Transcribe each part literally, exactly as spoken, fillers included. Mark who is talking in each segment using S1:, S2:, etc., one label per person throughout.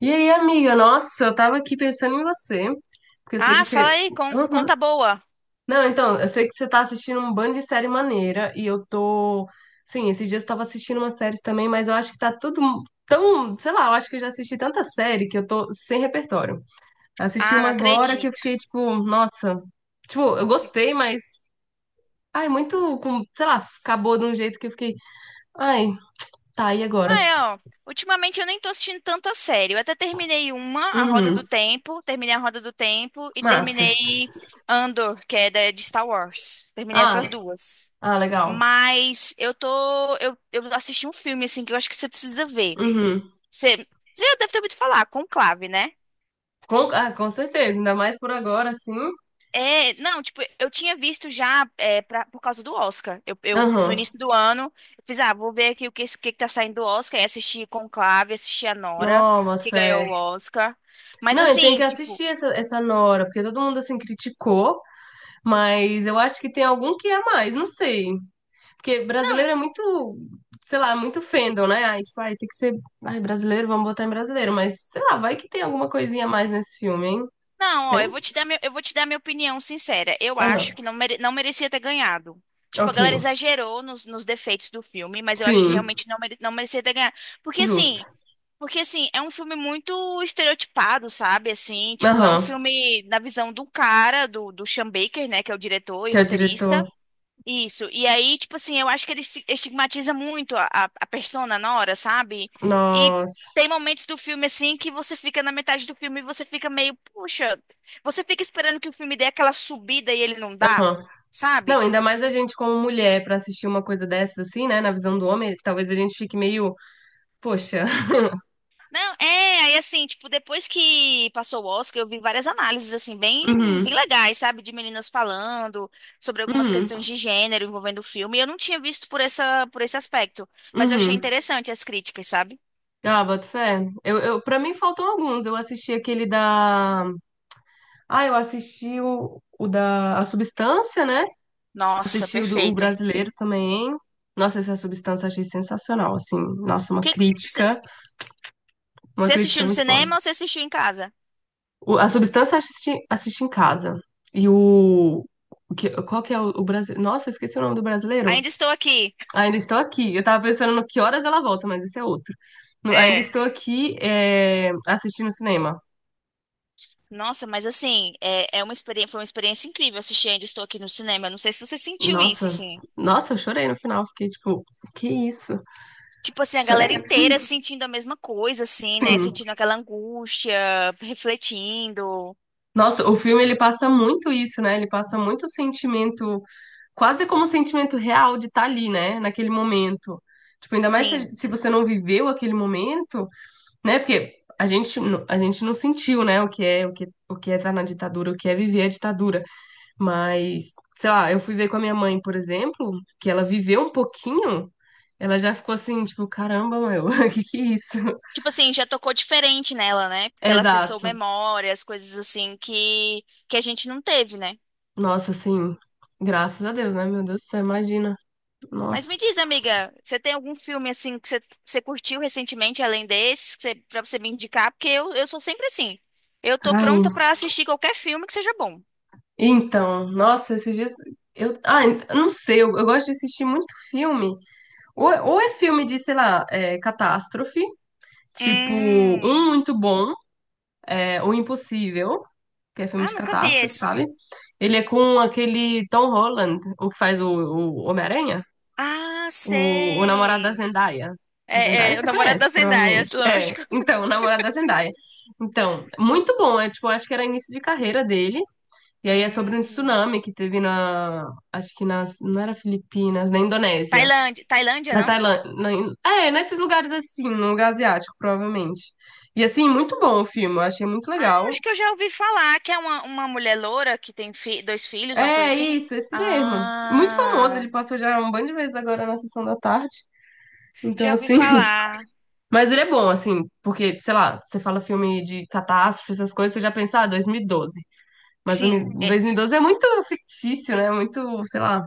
S1: E aí, amiga? Nossa, eu tava aqui pensando em você, porque eu sei que
S2: Ah, fala
S1: você.
S2: aí, con-
S1: Uhum.
S2: conta boa.
S1: Não, então, eu sei que você tá assistindo um bando de série maneira, e eu tô. Sim, esses dias eu tava assistindo umas séries também, mas eu acho que tá tudo tão. Sei lá, eu acho que eu já assisti tanta série que eu tô sem repertório. Assisti
S2: Ah,
S1: uma
S2: não
S1: agora que eu
S2: acredito.
S1: fiquei tipo, nossa. Tipo, eu gostei, mas. Ai, muito. Com... Sei lá, acabou de um jeito que eu fiquei. Ai, tá, e
S2: Ah,
S1: agora?
S2: é, ó. Ultimamente eu nem tô assistindo tanta série. Eu até terminei uma, A Roda
S1: Uhum.
S2: do Tempo, terminei A Roda do Tempo e
S1: Massa.
S2: terminei Andor, que é da- de Star Wars. Terminei
S1: Ah,
S2: essas duas.
S1: ah, legal.
S2: Mas eu tô, eu, eu assisti um filme assim que eu acho que você precisa ver.
S1: Uhum.
S2: Você, você já deve ter ouvido falar, Conclave, né?
S1: Com, ah, com certeza, ainda mais por agora, assim.
S2: É, não, tipo, eu tinha visto já é, pra- por causa do Oscar. Eu, eu, no
S1: Aham.
S2: início do ano, eu fiz, ah, vou ver aqui o que, esse- o que que tá saindo do Oscar. E assisti Conclave, assisti a Nora,
S1: Não, boto
S2: que ganhou
S1: fé.
S2: o Oscar. Mas
S1: Não, eu tenho que
S2: assim, tipo,
S1: assistir essa, essa Nora, porque todo mundo, assim, criticou, mas eu acho que tem algum que é a mais, não sei. Porque
S2: não,
S1: brasileiro é muito, sei lá, muito fandom, né? Ai, tipo, ai, tem que ser, ai, brasileiro, vamos botar em brasileiro, mas, sei lá, vai que tem alguma coisinha a mais nesse filme, hein?
S2: não, ó,
S1: Tem?
S2: eu vou te dar meu, eu vou te dar minha opinião sincera. Eu acho
S1: Aham.
S2: que não, mere- não merecia ter ganhado. Tipo, a
S1: Ok.
S2: galera exagerou nos, nos defeitos do filme, mas eu acho que
S1: Sim,
S2: realmente não, mere- não merecia ter ganhado. Porque
S1: justo.
S2: assim. Porque, assim, é um filme muito estereotipado, sabe? Assim, tipo, é um
S1: Aham.
S2: filme da visão do cara, do, do Sean Baker, né? Que é o diretor e
S1: Que é o diretor.
S2: roteirista. Isso. E aí, tipo assim, eu acho que ele esti- estigmatiza muito a, a a persona na hora, sabe? E
S1: Nossa.
S2: tem momentos do filme, assim, que você fica na metade do filme e você fica meio, puxa, você fica esperando que o filme dê aquela subida e ele não dá,
S1: Aham. Não,
S2: sabe?
S1: ainda mais a gente como mulher pra assistir uma coisa dessas assim, né, na visão do homem, talvez a gente fique meio, poxa.
S2: Não, é, aí assim, tipo, depois que passou o Oscar, eu vi várias análises, assim, bem,
S1: Uhum.
S2: bem legais, sabe? De meninas falando sobre algumas
S1: Uhum.
S2: questões de gênero envolvendo o filme. E eu não tinha visto por essa, por esse aspecto, mas eu achei
S1: Uhum.
S2: interessante as críticas, sabe?
S1: Ah, boto fé. Eu, eu, para mim faltam alguns. Eu assisti aquele da. Ah, eu assisti o, o da A Substância, né?
S2: Nossa,
S1: Assisti o do o
S2: perfeito.
S1: brasileiro também. Nossa, essa substância eu achei sensacional, assim. Nossa, uma
S2: Que que c-
S1: crítica, uma
S2: Você
S1: crítica
S2: assistiu no
S1: muito boa.
S2: cinema ou você assistiu em casa?
S1: O- A substância eu assisti, assisti em casa. E o, o que, qual que é o, o brasileiro? Nossa, eu esqueci o nome do brasileiro.
S2: Ainda estou aqui.
S1: Ainda estou aqui. Eu tava pensando no que horas ela volta, mas isso é outro. No- Ainda
S2: É.
S1: estou aqui, é, assistindo cinema.
S2: Nossa, mas assim, é, é uma experiência, foi uma experiência incrível assistir Ainda Estou Aqui no cinema. Não sei se você sentiu isso,
S1: Nossa,
S2: assim.
S1: nossa, eu chorei no final. Fiquei tipo, que isso?
S2: Tipo assim, a galera
S1: Chorei.
S2: inteira sentindo a mesma coisa, assim, né? Sentindo aquela angústia, refletindo,
S1: Nossa, o filme ele passa muito isso, né? Ele passa muito sentimento, quase como um sentimento real de estar ali, né? Naquele momento. Tipo, ainda mais se,
S2: sim.
S1: se você não viveu aquele momento, né? Porque a gente, não- a gente não sentiu, né? O que é, o que, o que é estar na ditadura, o que é viver a ditadura. Mas, sei lá, eu fui ver com a minha mãe, por exemplo, que ela viveu um pouquinho, ela já ficou assim, tipo, caramba, meu, que que é isso?
S2: Tipo assim, já tocou diferente nela, né? Porque
S1: É,
S2: ela acessou
S1: exato.
S2: memórias, coisas assim que, que a gente não teve, né?
S1: Nossa, assim, graças a Deus, né? Meu Deus do céu, imagina.
S2: Mas
S1: Nossa.
S2: me diz, amiga, você tem algum filme assim que você, você curtiu recentemente, além desses, que você, pra você me indicar? Porque eu, eu sou sempre assim. Eu tô
S1: Ai.
S2: pronta pra assistir qualquer filme que seja bom.
S1: Então, nossa, esses dias. Eu, ah, ent- eu não sei, eu, eu gosto de assistir muito filme. Ou, ou é filme de, sei lá, é, catástrofe, tipo, um
S2: Hum.
S1: muito bom, é, O Impossível. Que é filme
S2: Ah,
S1: de
S2: nunca vi
S1: catástrofe,
S2: esse.
S1: sabe? Ele é com aquele Tom Holland, o que faz o, o Homem-Aranha,
S2: Ah,
S1: o, o namorado da
S2: sei.
S1: Zendaya. A
S2: É,
S1: Zendaya
S2: é, o
S1: você
S2: namorado da
S1: conhece,
S2: Zendaya,
S1: provavelmente. É,
S2: lógico.
S1: então, o namorado da Zendaya. Então, muito bom. É tipo, acho que era início de carreira dele. E aí é sobre um
S2: Hum.
S1: tsunami que teve na. Acho que nas. Não era Filipinas, na Indonésia.
S2: Tailândia, Tailândia,
S1: Na
S2: não? Eu
S1: Tailândia. na In- é, nesses lugares assim, no lugar asiático, provavelmente. E assim, muito bom o filme. Eu achei muito legal.
S2: acho que eu já ouvi falar que é uma, uma mulher loura que tem fi- dois filhos, uma coisa
S1: É
S2: assim.
S1: isso, esse mesmo. Muito famoso,
S2: Ah,
S1: ele passou já um bando de vezes agora na sessão da tarde. Então,
S2: já ouvi
S1: assim.
S2: falar.
S1: Mas ele é bom, assim, porque, sei lá, você fala filme de catástrofe, essas coisas, você já pensa, ah, dois mil e doze. Mas
S2: Sim,
S1: dois mil
S2: é,
S1: dois mil e doze é muito fictício, né? Muito, sei lá,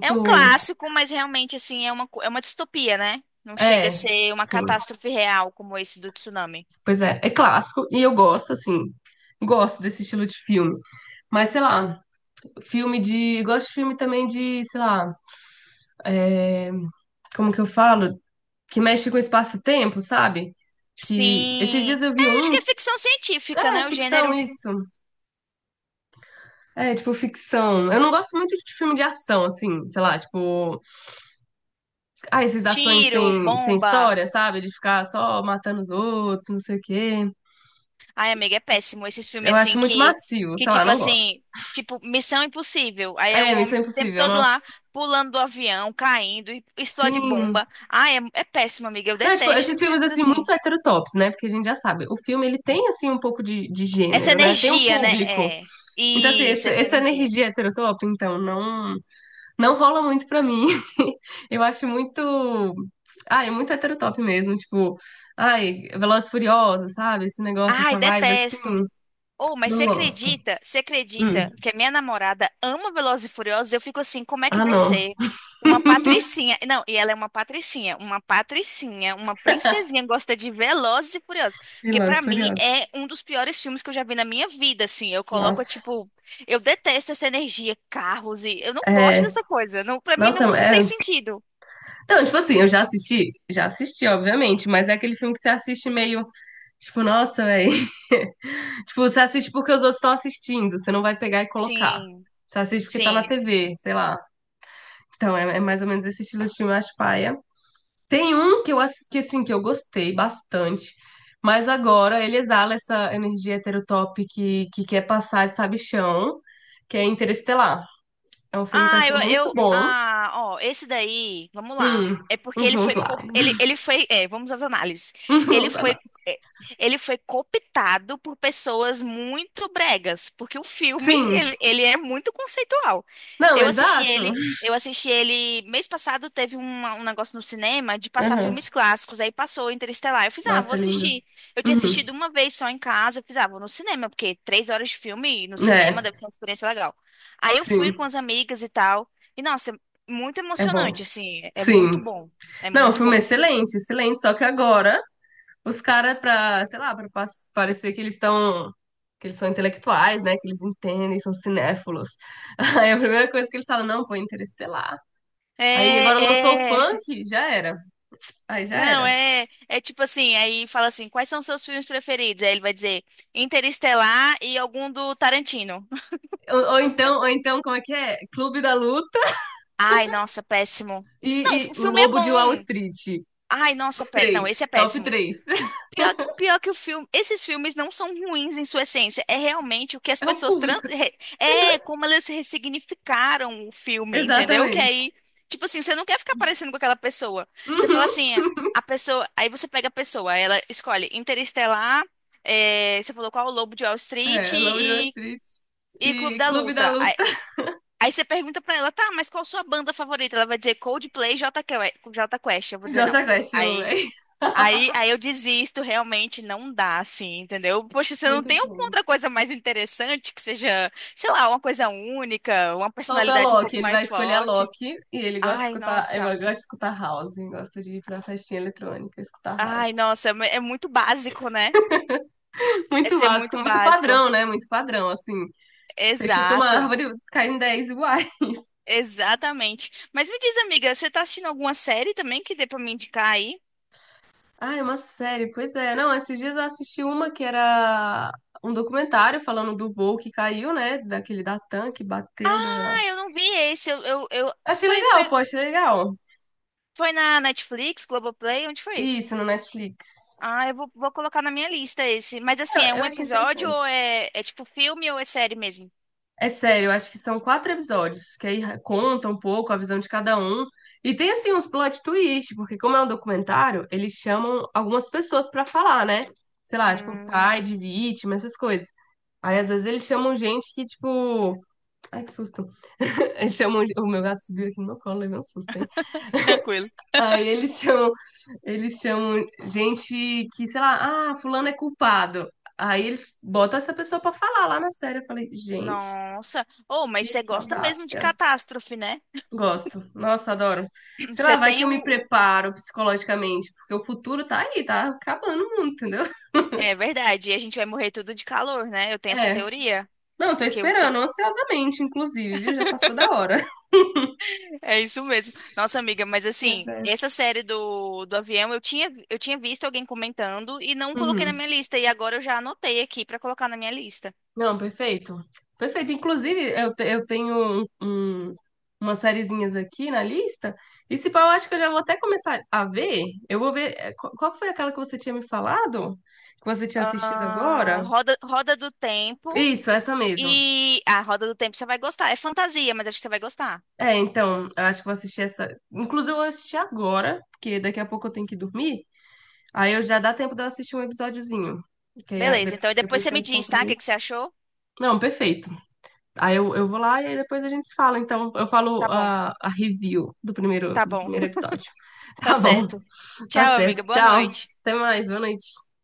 S2: é um clássico, mas realmente assim é uma, co- é uma distopia, né? Não chega a
S1: É,
S2: ser uma
S1: sim.
S2: catástrofe real como esse do tsunami.
S1: Pois é, é clássico e eu gosto, assim. Gosto desse estilo de filme. Mas, sei lá, filme de. Gosto de filme também de, sei lá, é, como que eu falo? Que mexe com o espaço-tempo, sabe? Que esses
S2: Sim,
S1: dias eu vi
S2: é, acho que
S1: um,
S2: é ficção científica,
S1: é
S2: né? O
S1: ficção
S2: gênero
S1: isso. É, tipo ficção. Eu não gosto muito de filme de ação assim, sei lá, tipo, ah, essas ações
S2: tiro,
S1: sem sem
S2: bomba.
S1: história, sabe? De ficar só matando os outros, não sei o quê.
S2: Ai, amiga, é péssimo. Esses
S1: Eu
S2: filmes
S1: acho
S2: assim
S1: muito
S2: que,
S1: macio,
S2: que
S1: sei lá,
S2: tipo
S1: não gosto.
S2: assim, tipo Missão Impossível. Aí é o
S1: É, Missão
S2: homem o tempo
S1: Impossível,
S2: todo
S1: nossa.
S2: lá pulando do avião, caindo, e explode
S1: Sim,
S2: bomba. Ai, é, é péssimo, amiga. Eu
S1: não, tipo, esses
S2: detesto
S1: filmes,
S2: filmes
S1: assim, muito
S2: assim.
S1: heterotops, né? Porque a gente já sabe, o filme, ele tem, assim, um pouco de, de
S2: Essa
S1: gênero, né? Tem um
S2: energia, né?
S1: público.
S2: É.
S1: Então, assim,
S2: Isso,
S1: essa,
S2: essa
S1: essa
S2: energia.
S1: energia heterotop, então, não, não rola muito pra mim. Eu acho muito... Ah, é muito heterotop mesmo, tipo... Ai, Velozes e Furiosos, sabe? Esse negócio,
S2: Ai,
S1: essa vibe, assim,
S2: detesto. Ou mas você
S1: não gosto.
S2: acredita? Você
S1: Hum.
S2: acredita que a minha namorada ama Velozes e Furiosos? Eu fico assim, como é que
S1: Ah, não.
S2: você, uma patricinha, não, e ela é uma patricinha, uma patricinha, uma princesinha gosta de Velozes e Furiosos, que
S1: Velozes
S2: pra
S1: e
S2: mim
S1: Furiosos.
S2: é um dos piores filmes que eu já vi na minha vida, assim. Eu coloco
S1: Nossa.
S2: tipo, eu detesto essa energia, carros e eu não gosto
S1: É...
S2: dessa coisa. Não, para mim
S1: Nossa,
S2: não
S1: é...
S2: tem sentido.
S1: Não, tipo assim, eu já assisti, já assisti, obviamente, mas é aquele filme que você assiste meio, tipo, nossa, velho. Tipo, você assiste porque os outros estão assistindo, você não vai pegar e colocar.
S2: Sim,
S1: Você assiste porque tá na
S2: sim.
S1: T V, sei lá. Então, é, é mais ou menos esse estilo de filme, eu acho paia. Tem um que eu, ass- que, assim, que eu gostei bastante, mas agora ele exala essa energia heterotop que, que quer passar de sabichão, que é Interestelar. É um filme que eu
S2: Ah,
S1: achei
S2: eu,
S1: muito
S2: eu,
S1: bom.
S2: ah, ó, esse daí, vamos lá.
S1: Hum,
S2: É porque ele
S1: vamos
S2: foi,
S1: lá.
S2: co- ele, ele foi, é, vamos às análises. Ele
S1: Vamos
S2: foi,
S1: lá.
S2: é, ele foi cooptado por pessoas muito bregas, porque o filme,
S1: Sim,
S2: ele, ele é muito conceitual.
S1: não,
S2: Eu assisti
S1: exato.
S2: ele, eu assisti ele, mês passado teve uma- um negócio no cinema de passar
S1: Aham.
S2: filmes clássicos, aí passou Interestelar. Eu fiz, ah, vou
S1: Nossa, é lindo.
S2: assistir. Eu tinha
S1: Uhum.
S2: assistido uma vez só em casa, eu fiz, ah, vou no cinema, porque três horas de filme no cinema
S1: É,
S2: deve ser uma experiência legal. Aí eu fui
S1: sim,
S2: com as amigas e tal. E, nossa, é muito
S1: é bom.
S2: emocionante, assim. É é muito
S1: Sim.
S2: bom. É
S1: Não, o
S2: muito
S1: filme é
S2: bom.
S1: excelente, excelente. Só que agora os caras, pra, sei lá, pra pa- parecer que eles estão. Que eles são intelectuais, né? Que eles entendem, são cinéfilos. Aí a primeira coisa que eles falam, não, pô, Interestelar. Aí
S2: É,
S1: agora lançou o
S2: é.
S1: funk, já era. Aí já
S2: Não,
S1: era.
S2: é. É tipo assim, aí fala assim, quais são os seus filmes preferidos? Aí ele vai dizer Interestelar e algum do Tarantino.
S1: Ou, ou então, ou então, como é que é? Clube da Luta
S2: Ai, nossa, péssimo. Não,
S1: e, e
S2: o
S1: o
S2: filme é
S1: Lobo de Wall
S2: bom.
S1: Street.
S2: Ai, nossa,
S1: Os
S2: pé...
S1: três,
S2: não, esse é
S1: top
S2: péssimo.
S1: três.
S2: Pior, que pior que o filme, esses filmes não são ruins em sua essência, é realmente o que as
S1: É o
S2: pessoas tran-
S1: público.
S2: re- é como elas ressignificaram o filme, entendeu? Que
S1: Exatamente.
S2: aí, tipo assim, você não quer ficar parecendo com aquela pessoa. Você fala
S1: Uhum.
S2: assim, é, a pessoa, aí você pega a pessoa, ela escolhe Interestelar, é, você falou qual o Lobo de Wall Street
S1: É, Lobo de Wall
S2: e,
S1: Street.
S2: e Clube
S1: E
S2: da
S1: Clube da
S2: Luta. Aí,
S1: Luta.
S2: aí você pergunta pra ela, tá, mas qual sua banda favorita? Ela vai dizer Coldplay, Jota Quest. Eu vou dizer não.
S1: Jota Quest, eu, amo,
S2: Aí
S1: véi.
S2: Aí, aí eu desisto, realmente não dá, assim, entendeu? Poxa, você
S1: Não
S2: não
S1: tem
S2: tem alguma
S1: como.
S2: outra coisa mais interessante que seja, sei lá, uma coisa única, uma
S1: Falta
S2: personalidade um
S1: Loki,
S2: pouco
S1: ele
S2: mais
S1: vai escolher a
S2: forte.
S1: Loki e ele gosta de
S2: Ai,
S1: escutar, ele
S2: nossa.
S1: gosta de escutar house, gosta de ir pra festinha eletrônica, escutar house.
S2: Ai, nossa, é é muito básico, né? É
S1: Muito
S2: ser
S1: básico,
S2: muito
S1: muito
S2: básico.
S1: padrão, né? Muito padrão, assim. Você chuta uma
S2: Exato.
S1: árvore, cai em dez iguais.
S2: Exatamente. Mas me diz, amiga, você tá assistindo alguma série também que dê pra me indicar aí?
S1: Ah, é uma série, pois é. Não, esses dias eu assisti uma que era um documentário falando do voo que caiu, né? Daquele da TAM que bateu na.
S2: Ah, eu não vi esse. Eu, eu, eu...
S1: Achei
S2: Foi,
S1: legal,
S2: foi,
S1: pô, achei legal.
S2: foi na Netflix, Globoplay? Onde foi?
S1: Isso, no Netflix.
S2: Ah, eu vou, vou colocar na minha lista esse. Mas
S1: Eu,
S2: assim, é
S1: eu
S2: um
S1: achei
S2: episódio ou
S1: interessante.
S2: é, é tipo filme ou é série mesmo?
S1: É sério, eu acho que são quatro episódios, que aí ra- conta um pouco a visão de cada um. E tem, assim, uns plot twist, porque como é um documentário, eles chamam algumas pessoas pra falar, né? Sei lá, tipo, pai de
S2: Hum.
S1: vítima, essas coisas. Aí, às vezes, eles chamam gente que, tipo... Ai, que susto. Eles chamam... O meu gato subiu aqui no meu colo, levei um susto, hein?
S2: Tranquilo.
S1: Aí eles chamam, eles chamam gente que, sei lá, ah, fulano é culpado. Aí eles botam essa pessoa pra falar lá na série. Eu falei, gente,
S2: Nossa. Oh, mas você
S1: que que
S2: gosta mesmo de
S1: audácia.
S2: catástrofe, né?
S1: Gosto. Nossa, adoro. Sei lá,
S2: Você
S1: vai que
S2: tem
S1: eu me
S2: o.
S1: preparo psicologicamente, porque o futuro tá aí, tá acabando o mundo, entendeu?
S2: É verdade, e a gente vai morrer tudo de calor, né? Eu tenho essa
S1: É.
S2: teoria.
S1: Não, tô
S2: Que eu... ta-
S1: esperando ansiosamente, inclusive, viu? Já passou da hora.
S2: É isso mesmo. Nossa, amiga, mas
S1: Mas
S2: assim,
S1: é.
S2: essa série do, do avião, eu tinha, eu tinha visto alguém comentando e não coloquei na
S1: Uhum.
S2: minha lista. E agora eu já anotei aqui pra colocar na minha lista.
S1: Não, perfeito. Perfeito. Inclusive, eu, te- eu tenho um, um- umas sériezinhas aqui na lista. E se pá, eu acho que eu já vou até começar a ver. Eu vou ver. eh, qu- Qual que foi aquela que você tinha me falado? Que você tinha assistido
S2: Ah,
S1: agora?
S2: Roda, Roda do Tempo.
S1: Isso, essa mesmo.
S2: E a Roda do Tempo você vai gostar. É fantasia, mas acho que você vai gostar.
S1: É, então, eu acho que vou assistir essa. Inclusive, eu vou assistir agora, porque daqui a pouco eu tenho que dormir. Aí eu já dá tempo de eu assistir um episódiozinho. Que aí, eh,
S2: Beleza,
S1: de-
S2: então e depois
S1: depois
S2: você
S1: tem
S2: me
S1: os
S2: diz, tá? O que que você
S1: compromissos.
S2: achou?
S1: Não, perfeito. Aí eu, eu vou lá e aí depois a gente se fala. Então, eu falo
S2: Tá bom,
S1: a, a review do primeiro,
S2: tá
S1: do
S2: bom.
S1: primeiro episódio.
S2: Tá
S1: Tá bom,
S2: certo.
S1: tá
S2: Tchau, amiga.
S1: certo.
S2: Boa
S1: Tchau.
S2: noite.
S1: Até mais, boa noite.